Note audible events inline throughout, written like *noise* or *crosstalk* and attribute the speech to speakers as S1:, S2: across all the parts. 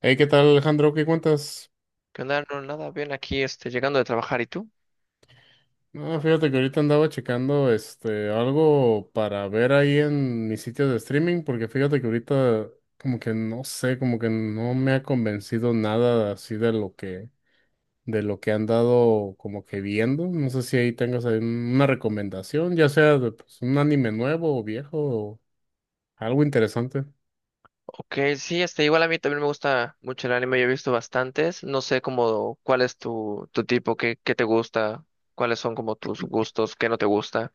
S1: Hey, ¿qué tal, Alejandro? ¿Qué cuentas?
S2: ¿Qué onda? No, nada, bien aquí, llegando de trabajar, ¿y tú?
S1: No, fíjate que ahorita andaba checando este algo para ver ahí en mis sitios de streaming, porque fíjate que ahorita como que no sé, como que no me ha convencido nada así de lo que han dado como que viendo. No sé si ahí tengas ahí una recomendación, ya sea de pues, un anime nuevo o viejo o algo interesante.
S2: Ok, sí, igual a mí también me gusta mucho el anime. Yo he visto bastantes. No sé cómo, cuál es tu tipo, qué te gusta, cuáles son como tus gustos, qué no te gusta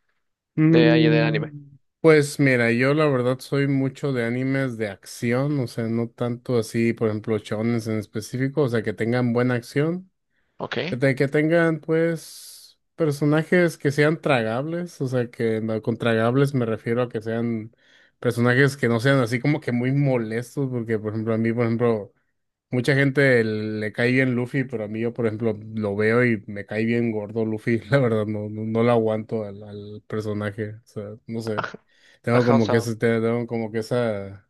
S2: de ahí del anime.
S1: Pues mira, yo la verdad soy mucho de animes de acción, o sea, no tanto así, por ejemplo, shonens en específico, o sea, que tengan buena acción,
S2: Ok,
S1: de que tengan pues personajes que sean tragables, o sea, que no- con tragables me refiero a que sean personajes que no sean así como que muy molestos, porque por ejemplo, a mí, por ejemplo, mucha gente le cae bien Luffy, pero a mí yo, por ejemplo, lo veo y me cae bien gordo Luffy. *laughs* La verdad, no, no, no lo aguanto al personaje. O sea, no sé.
S2: ajá,
S1: Tengo
S2: ajá, o
S1: como
S2: sea,
S1: que ese, tengo como que esa,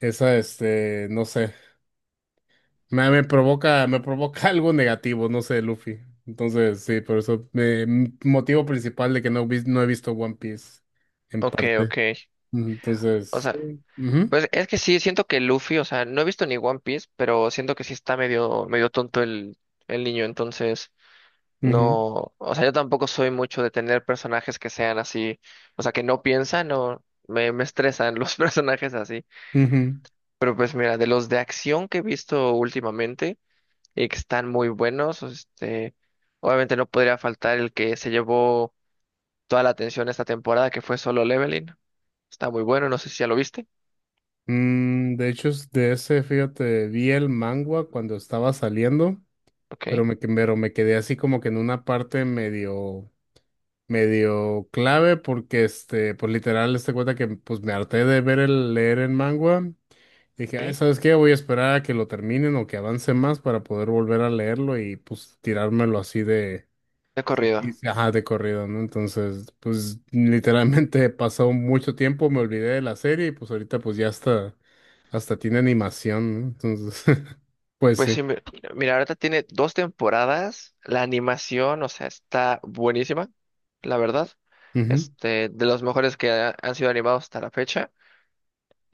S1: esa, no sé. Me provoca, me provoca *laughs* algo negativo, no sé, Luffy. Entonces, sí, por eso, motivo principal de que no, no he visto One Piece, en
S2: ok,
S1: parte.
S2: ok,
S1: Ujú.
S2: o
S1: Entonces,
S2: sea,
S1: sí. Ujú,
S2: pues es que sí, siento que Luffy, o sea, no he visto ni One Piece, pero siento que sí está medio tonto el niño, entonces...
S1: ujú,
S2: No, o sea, yo tampoco soy mucho de tener personajes que sean así, o sea, que no piensan o me estresan los *laughs* personajes así.
S1: ujú.
S2: Pero pues mira, de los de acción que he visto últimamente y que están muy buenos, obviamente no podría faltar el que se llevó toda la atención esta temporada, que fue Solo Leveling. Está muy bueno, no sé si ya lo viste.
S1: De hecho, es de ese, fíjate, vi el manga cuando estaba saliendo, pero
S2: Ok.
S1: pero me quedé así como que en una parte medio, medio clave porque, este, pues literal, este cuenta que pues me harté de leer el manga. Dije, ay,
S2: Sí.
S1: ¿sabes qué? Voy a esperar a que lo terminen o que avance más para poder volver a leerlo y pues tirármelo así de
S2: De
S1: y
S2: corrido.
S1: sí, ajá, de corrido, ¿no? Entonces, pues literalmente *laughs* pasó mucho tiempo, me olvidé de la serie y pues ahorita pues ya hasta, hasta tiene animación, ¿no? Entonces, *laughs* pues
S2: Pues
S1: sí.
S2: sí, mira, ahorita tiene dos temporadas, la animación, o sea, está buenísima, la verdad.
S1: Ujú,
S2: De los mejores que han sido animados hasta la fecha.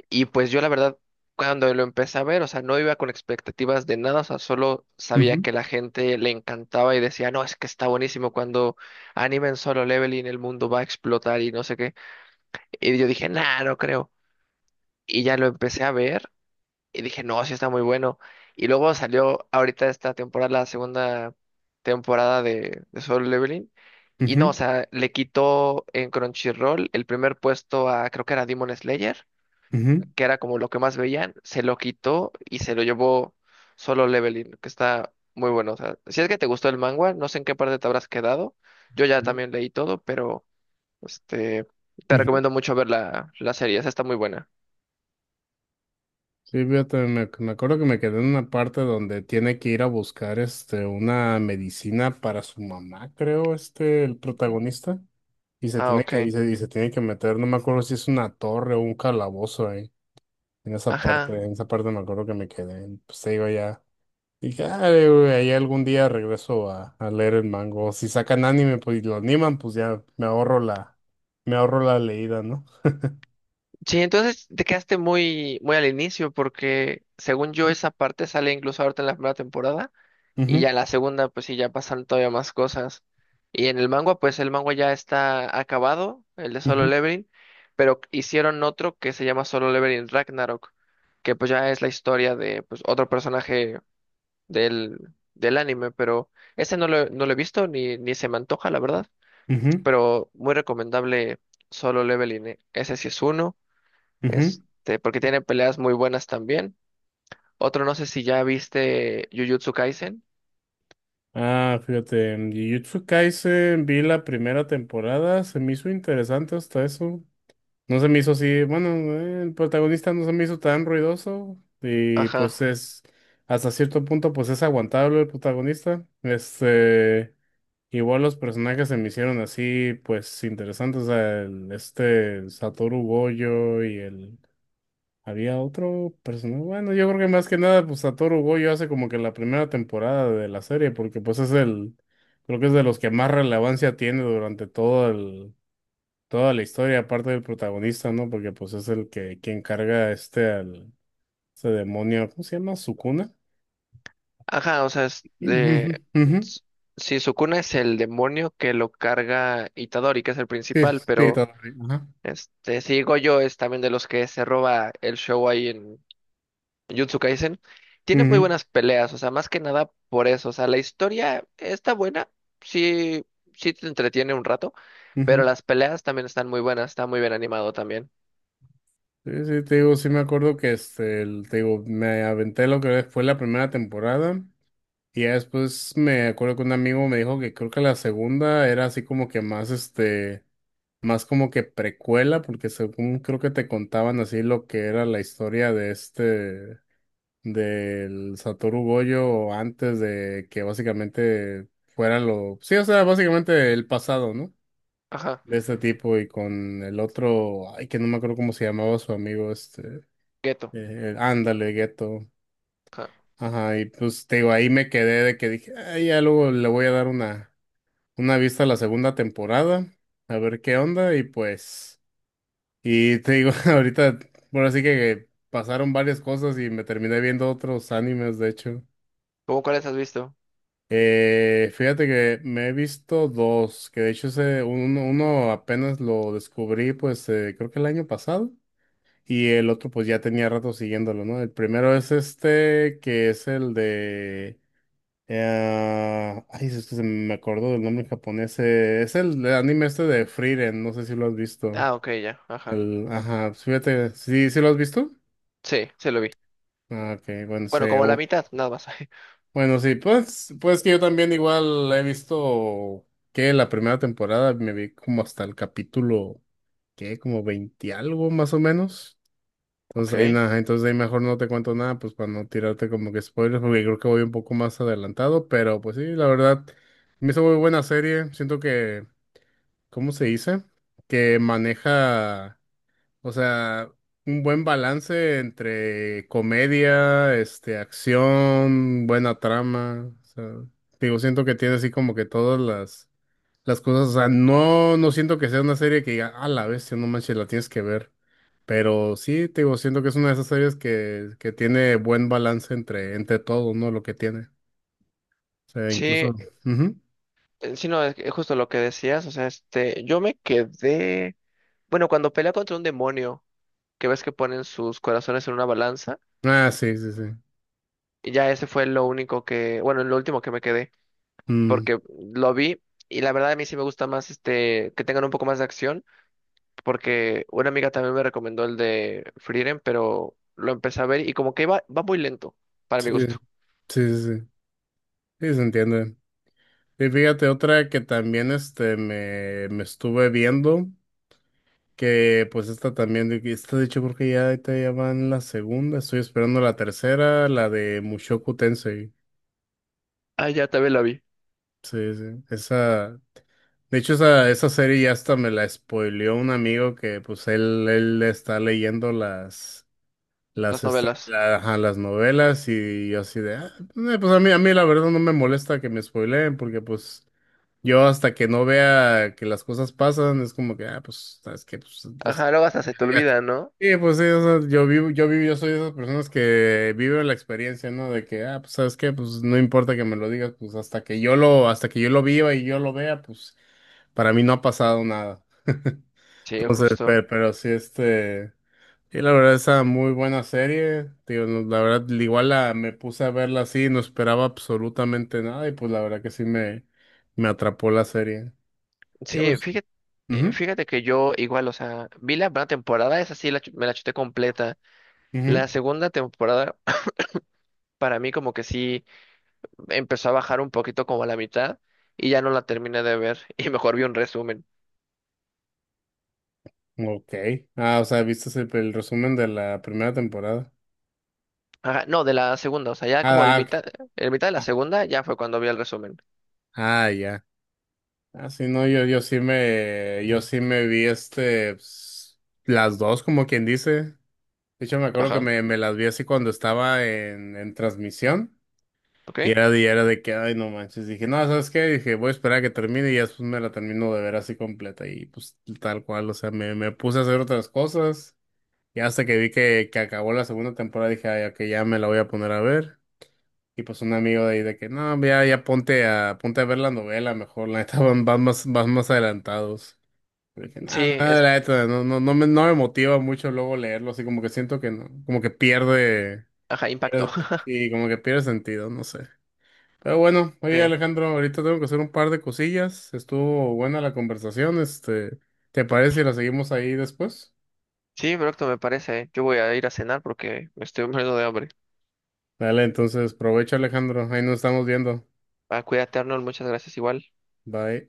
S2: Y pues yo la verdad, cuando lo empecé a ver, o sea, no iba con expectativas de nada, o sea, solo sabía
S1: ujú,
S2: que la gente le encantaba y decía, no, es que está buenísimo cuando animen Solo Leveling, el mundo va a explotar y no sé qué. Y yo dije, nah, no creo. Y ya lo empecé a ver y dije, no, sí está muy bueno. Y luego salió ahorita esta temporada, la segunda temporada de Solo Leveling. Y no, o
S1: ujú,
S2: sea, le quitó en Crunchyroll el primer puesto a, creo que era Demon Slayer,
S1: ujú,
S2: que era como lo que más veían. Se lo quitó y se lo llevó Solo Leveling, que está muy bueno. O sea, si es que te gustó el manga, no sé en qué parte te habrás quedado. Yo ya
S1: ujú,
S2: también leí todo, pero este, te
S1: ujú.
S2: recomiendo mucho ver la serie. Esa está muy buena.
S1: Sí, fíjate, me acuerdo que me quedé en una parte donde tiene que ir a buscar este, una medicina para su mamá, creo, este, el protagonista. Y se
S2: Ah,
S1: tiene que,
S2: ok.
S1: y se tiene que meter, no me acuerdo si es una torre o un calabozo.
S2: Ajá.
S1: En esa parte me acuerdo que me quedé. Pues se iba ya. Y dije, ah, güey, ahí algún día regreso a leer el mango. Si sacan anime, pues y lo animan, pues ya me ahorro me ahorro la leída, ¿no?
S2: Sí, entonces te quedaste muy, muy al inicio, porque según yo esa parte sale incluso ahorita en la primera temporada, y ya
S1: Ujú,
S2: en la segunda, pues sí, ya pasan todavía más cosas. Y en el manga, pues el manga ya está acabado, el de Solo
S1: ujú,
S2: Leveling, pero hicieron otro que se llama Solo Leveling Ragnarok, que pues ya es la historia de pues, otro personaje del, del anime, pero ese no lo he visto ni se me antoja, la verdad,
S1: ujú,
S2: pero muy recomendable Solo Leveling, ¿eh? Ese sí es uno.
S1: ujú.
S2: Porque tiene peleas muy buenas también. Otro, no sé si ya viste Jujutsu Kaisen.
S1: Ah, fíjate, en Jujutsu Kaisen vi la primera temporada, se me hizo interesante hasta eso. No se me hizo así, bueno, el protagonista no se me hizo tan ruidoso y
S2: Ajá.
S1: pues es, hasta cierto punto pues es aguantable el protagonista. Este, igual los personajes se me hicieron así pues interesantes, o sea, este Satoru Gojo y el, había otro personaje, bueno, yo creo que más que nada pues Satoru Gojo hace como que la primera temporada de la serie porque pues es el, creo que es de los que más relevancia tiene durante todo toda la historia, aparte del protagonista, ¿no? Porque pues es el que quien carga este al demonio, ¿cómo se llama? ¿Sukuna?
S2: Ajá, o sea,
S1: Ujú, ujú.
S2: s- sí, Sukuna es el demonio que lo carga Itadori, que es el
S1: Sí,
S2: principal,
S1: sí,
S2: pero
S1: todo bien, ajá.
S2: si Gojo es también de los que se roba el show ahí en Jujutsu Kaisen. Tiene muy
S1: Ujú,
S2: buenas peleas, o sea, más que nada por eso. O sea, la historia está buena, sí, sí te entretiene un rato, pero
S1: ujú.
S2: las peleas también están muy buenas, está muy bien animado también.
S1: Sí, sí, te digo, sí me acuerdo que este, te digo, me aventé lo que fue la primera temporada y ya después me acuerdo que un amigo me dijo que creo que la segunda era así como que más este, más como que precuela porque según creo que te contaban así lo que era la historia de este del Satoru Gojo antes de que básicamente fuera lo, sí, o sea, básicamente el pasado, ¿no?
S2: Ajá.
S1: De este tipo y con el otro, ay, que no me acuerdo cómo se llamaba su amigo,
S2: Ghetto.
S1: ándale, gueto.
S2: Ajá.
S1: Ajá, y pues te digo, ahí me quedé de que dije, ah ya luego le voy a dar una vista a la segunda temporada, a ver qué onda, y pues, y te digo, *laughs* ahorita, bueno, así que pasaron varias cosas y me terminé viendo otros animes, de hecho.
S2: ¿Cómo cuáles has visto?
S1: Fíjate que me he visto dos, que de hecho ese, uno, uno apenas lo descubrí, pues creo que el año pasado, y el otro pues ya tenía rato siguiéndolo, ¿no? El primero es este, que es el de... ay, es que se me acordó del nombre japonés, es el anime este de Frieren, no sé si lo has visto.
S2: Ah, ok, ya. Ajá.
S1: El, ajá, pues, fíjate, ¿sí, sí lo has visto?
S2: Sí, se lo vi.
S1: Ah, ok, bueno, sí.
S2: Bueno, como la mitad, nada más. *laughs*
S1: Bueno, sí, pues, pues que yo también igual he visto que la primera temporada me vi como hasta el capítulo, que como 20 algo más o menos. Entonces ahí
S2: Ok.
S1: nada, entonces ahí mejor no te cuento nada, pues para no tirarte como que spoilers, porque creo que voy un poco más adelantado, pero pues sí, la verdad, me hizo muy buena serie. Siento que, ¿cómo se dice? Que maneja. O sea, un buen balance entre comedia, este, acción, buena trama. O sea, digo, siento que tiene así como que todas las cosas. O sea, no, no siento que sea una serie que diga, a la bestia, no manches, la tienes que ver. Pero sí, te digo, siento que es una de esas series que tiene buen balance entre, entre todo, ¿no? Lo que tiene. O sea,
S2: Sí,
S1: incluso. Ujú.
S2: sí, no, es que justo lo que decías. O sea, yo me quedé. Bueno, cuando pelea contra un demonio, que ves que ponen sus corazones en una balanza,
S1: Ah, sí, sí, sí.
S2: y ya ese fue lo único que. Bueno, lo último que me quedé,
S1: Mm,
S2: porque lo vi. Y la verdad a mí sí me gusta más que tengan un poco más de acción, porque una amiga también me recomendó el de Frieren, pero lo empecé a ver y como que va muy lento, para
S1: sí,
S2: mi gusto.
S1: sí, sí, sí. Sí, se entiende. Y fíjate, otra que también este me estuve viendo, que pues esta también, esta de hecho creo que ya, ahorita ya va en la segunda, estoy esperando la tercera, la de Mushoku Tensei.
S2: Ah, ya también la vi.
S1: Sí, sí. Esa, de hecho esa, esa serie ya hasta me la spoileó un amigo que pues él está leyendo
S2: Las novelas.
S1: ajá, las novelas y yo así de, "Ah, pues a mí la verdad no me molesta que me spoileen porque pues... Yo hasta que no vea que las cosas pasan, es como que, ah, pues, ¿sabes que pues, los-
S2: Ajá, luego hasta se te
S1: ya.
S2: olvida, ¿no?
S1: Sí, pues sí, o sea, yo vivo, yo vivo, yo soy de esas personas que vive la experiencia, ¿no? De que, ah, pues, ¿sabes qué? Pues no importa que me lo digas, pues hasta que yo lo, hasta que yo lo viva y yo lo vea, pues para mí no ha pasado nada. *laughs*
S2: Sí,
S1: Entonces,
S2: justo.
S1: pero sí, este, sí, la verdad, esa muy buena serie, tío no, la verdad, igual la, me puse a verla así, no esperaba absolutamente nada y pues la verdad que sí me atrapó la serie.
S2: Sí, fíjate, eh,
S1: Ujú,
S2: fíjate que yo igual, o sea, vi la primera temporada, esa sí me la chuté completa. La segunda temporada, *clears throat* para mí como que sí empezó a bajar un poquito como a la mitad y ya no la terminé de ver *laughs* y mejor vi un resumen.
S1: ujú. Ok. Ah, o sea, viste el resumen de la primera temporada.
S2: Ajá, no, de la segunda, o sea, ya como el
S1: Ah, ah, ok.
S2: mitad, el mitad de la
S1: Ah,
S2: segunda ya fue cuando vi el resumen.
S1: ah, ya. Ah, sí, no, yo, yo sí me vi este, pues, las dos, como quien dice. De hecho, me acuerdo que
S2: Ajá,
S1: me las vi así cuando estaba en transmisión.
S2: ¿ok?
S1: Y era de que, ay, no manches. Dije, no, ¿sabes qué? Dije, voy a esperar a que termine y ya después me la termino de ver así completa. Y pues tal cual, o sea, me puse a hacer otras cosas. Ya hasta que vi que acabó la segunda temporada dije, ay, ok, ya me la voy a poner a ver. Y pues un amigo de ahí de que, no, ya, ya ponte ponte a ver la novela mejor, la neta *laughs* van, van más adelantados. Y dije,
S2: Sí,
S1: nada, nada,
S2: es,
S1: la neta, no, no, no me motiva mucho luego leerlo, así como que siento que no, como que pierde,
S2: ajá, impacto.
S1: pierde-
S2: *laughs*
S1: sí, como que pierde sentido, no sé. Pero bueno, oye Alejandro, ahorita tengo que hacer un par de cosillas, estuvo buena la conversación, este, ¿te parece si la seguimos ahí después?
S2: Sí, perfecto, me parece. ¿Eh? Yo voy a ir a cenar porque me estoy *laughs* muriendo de hambre.
S1: Dale, entonces, aprovecha Alejandro. Ahí nos estamos viendo.
S2: Ah, cuídate, Arnold, muchas gracias igual.
S1: Bye.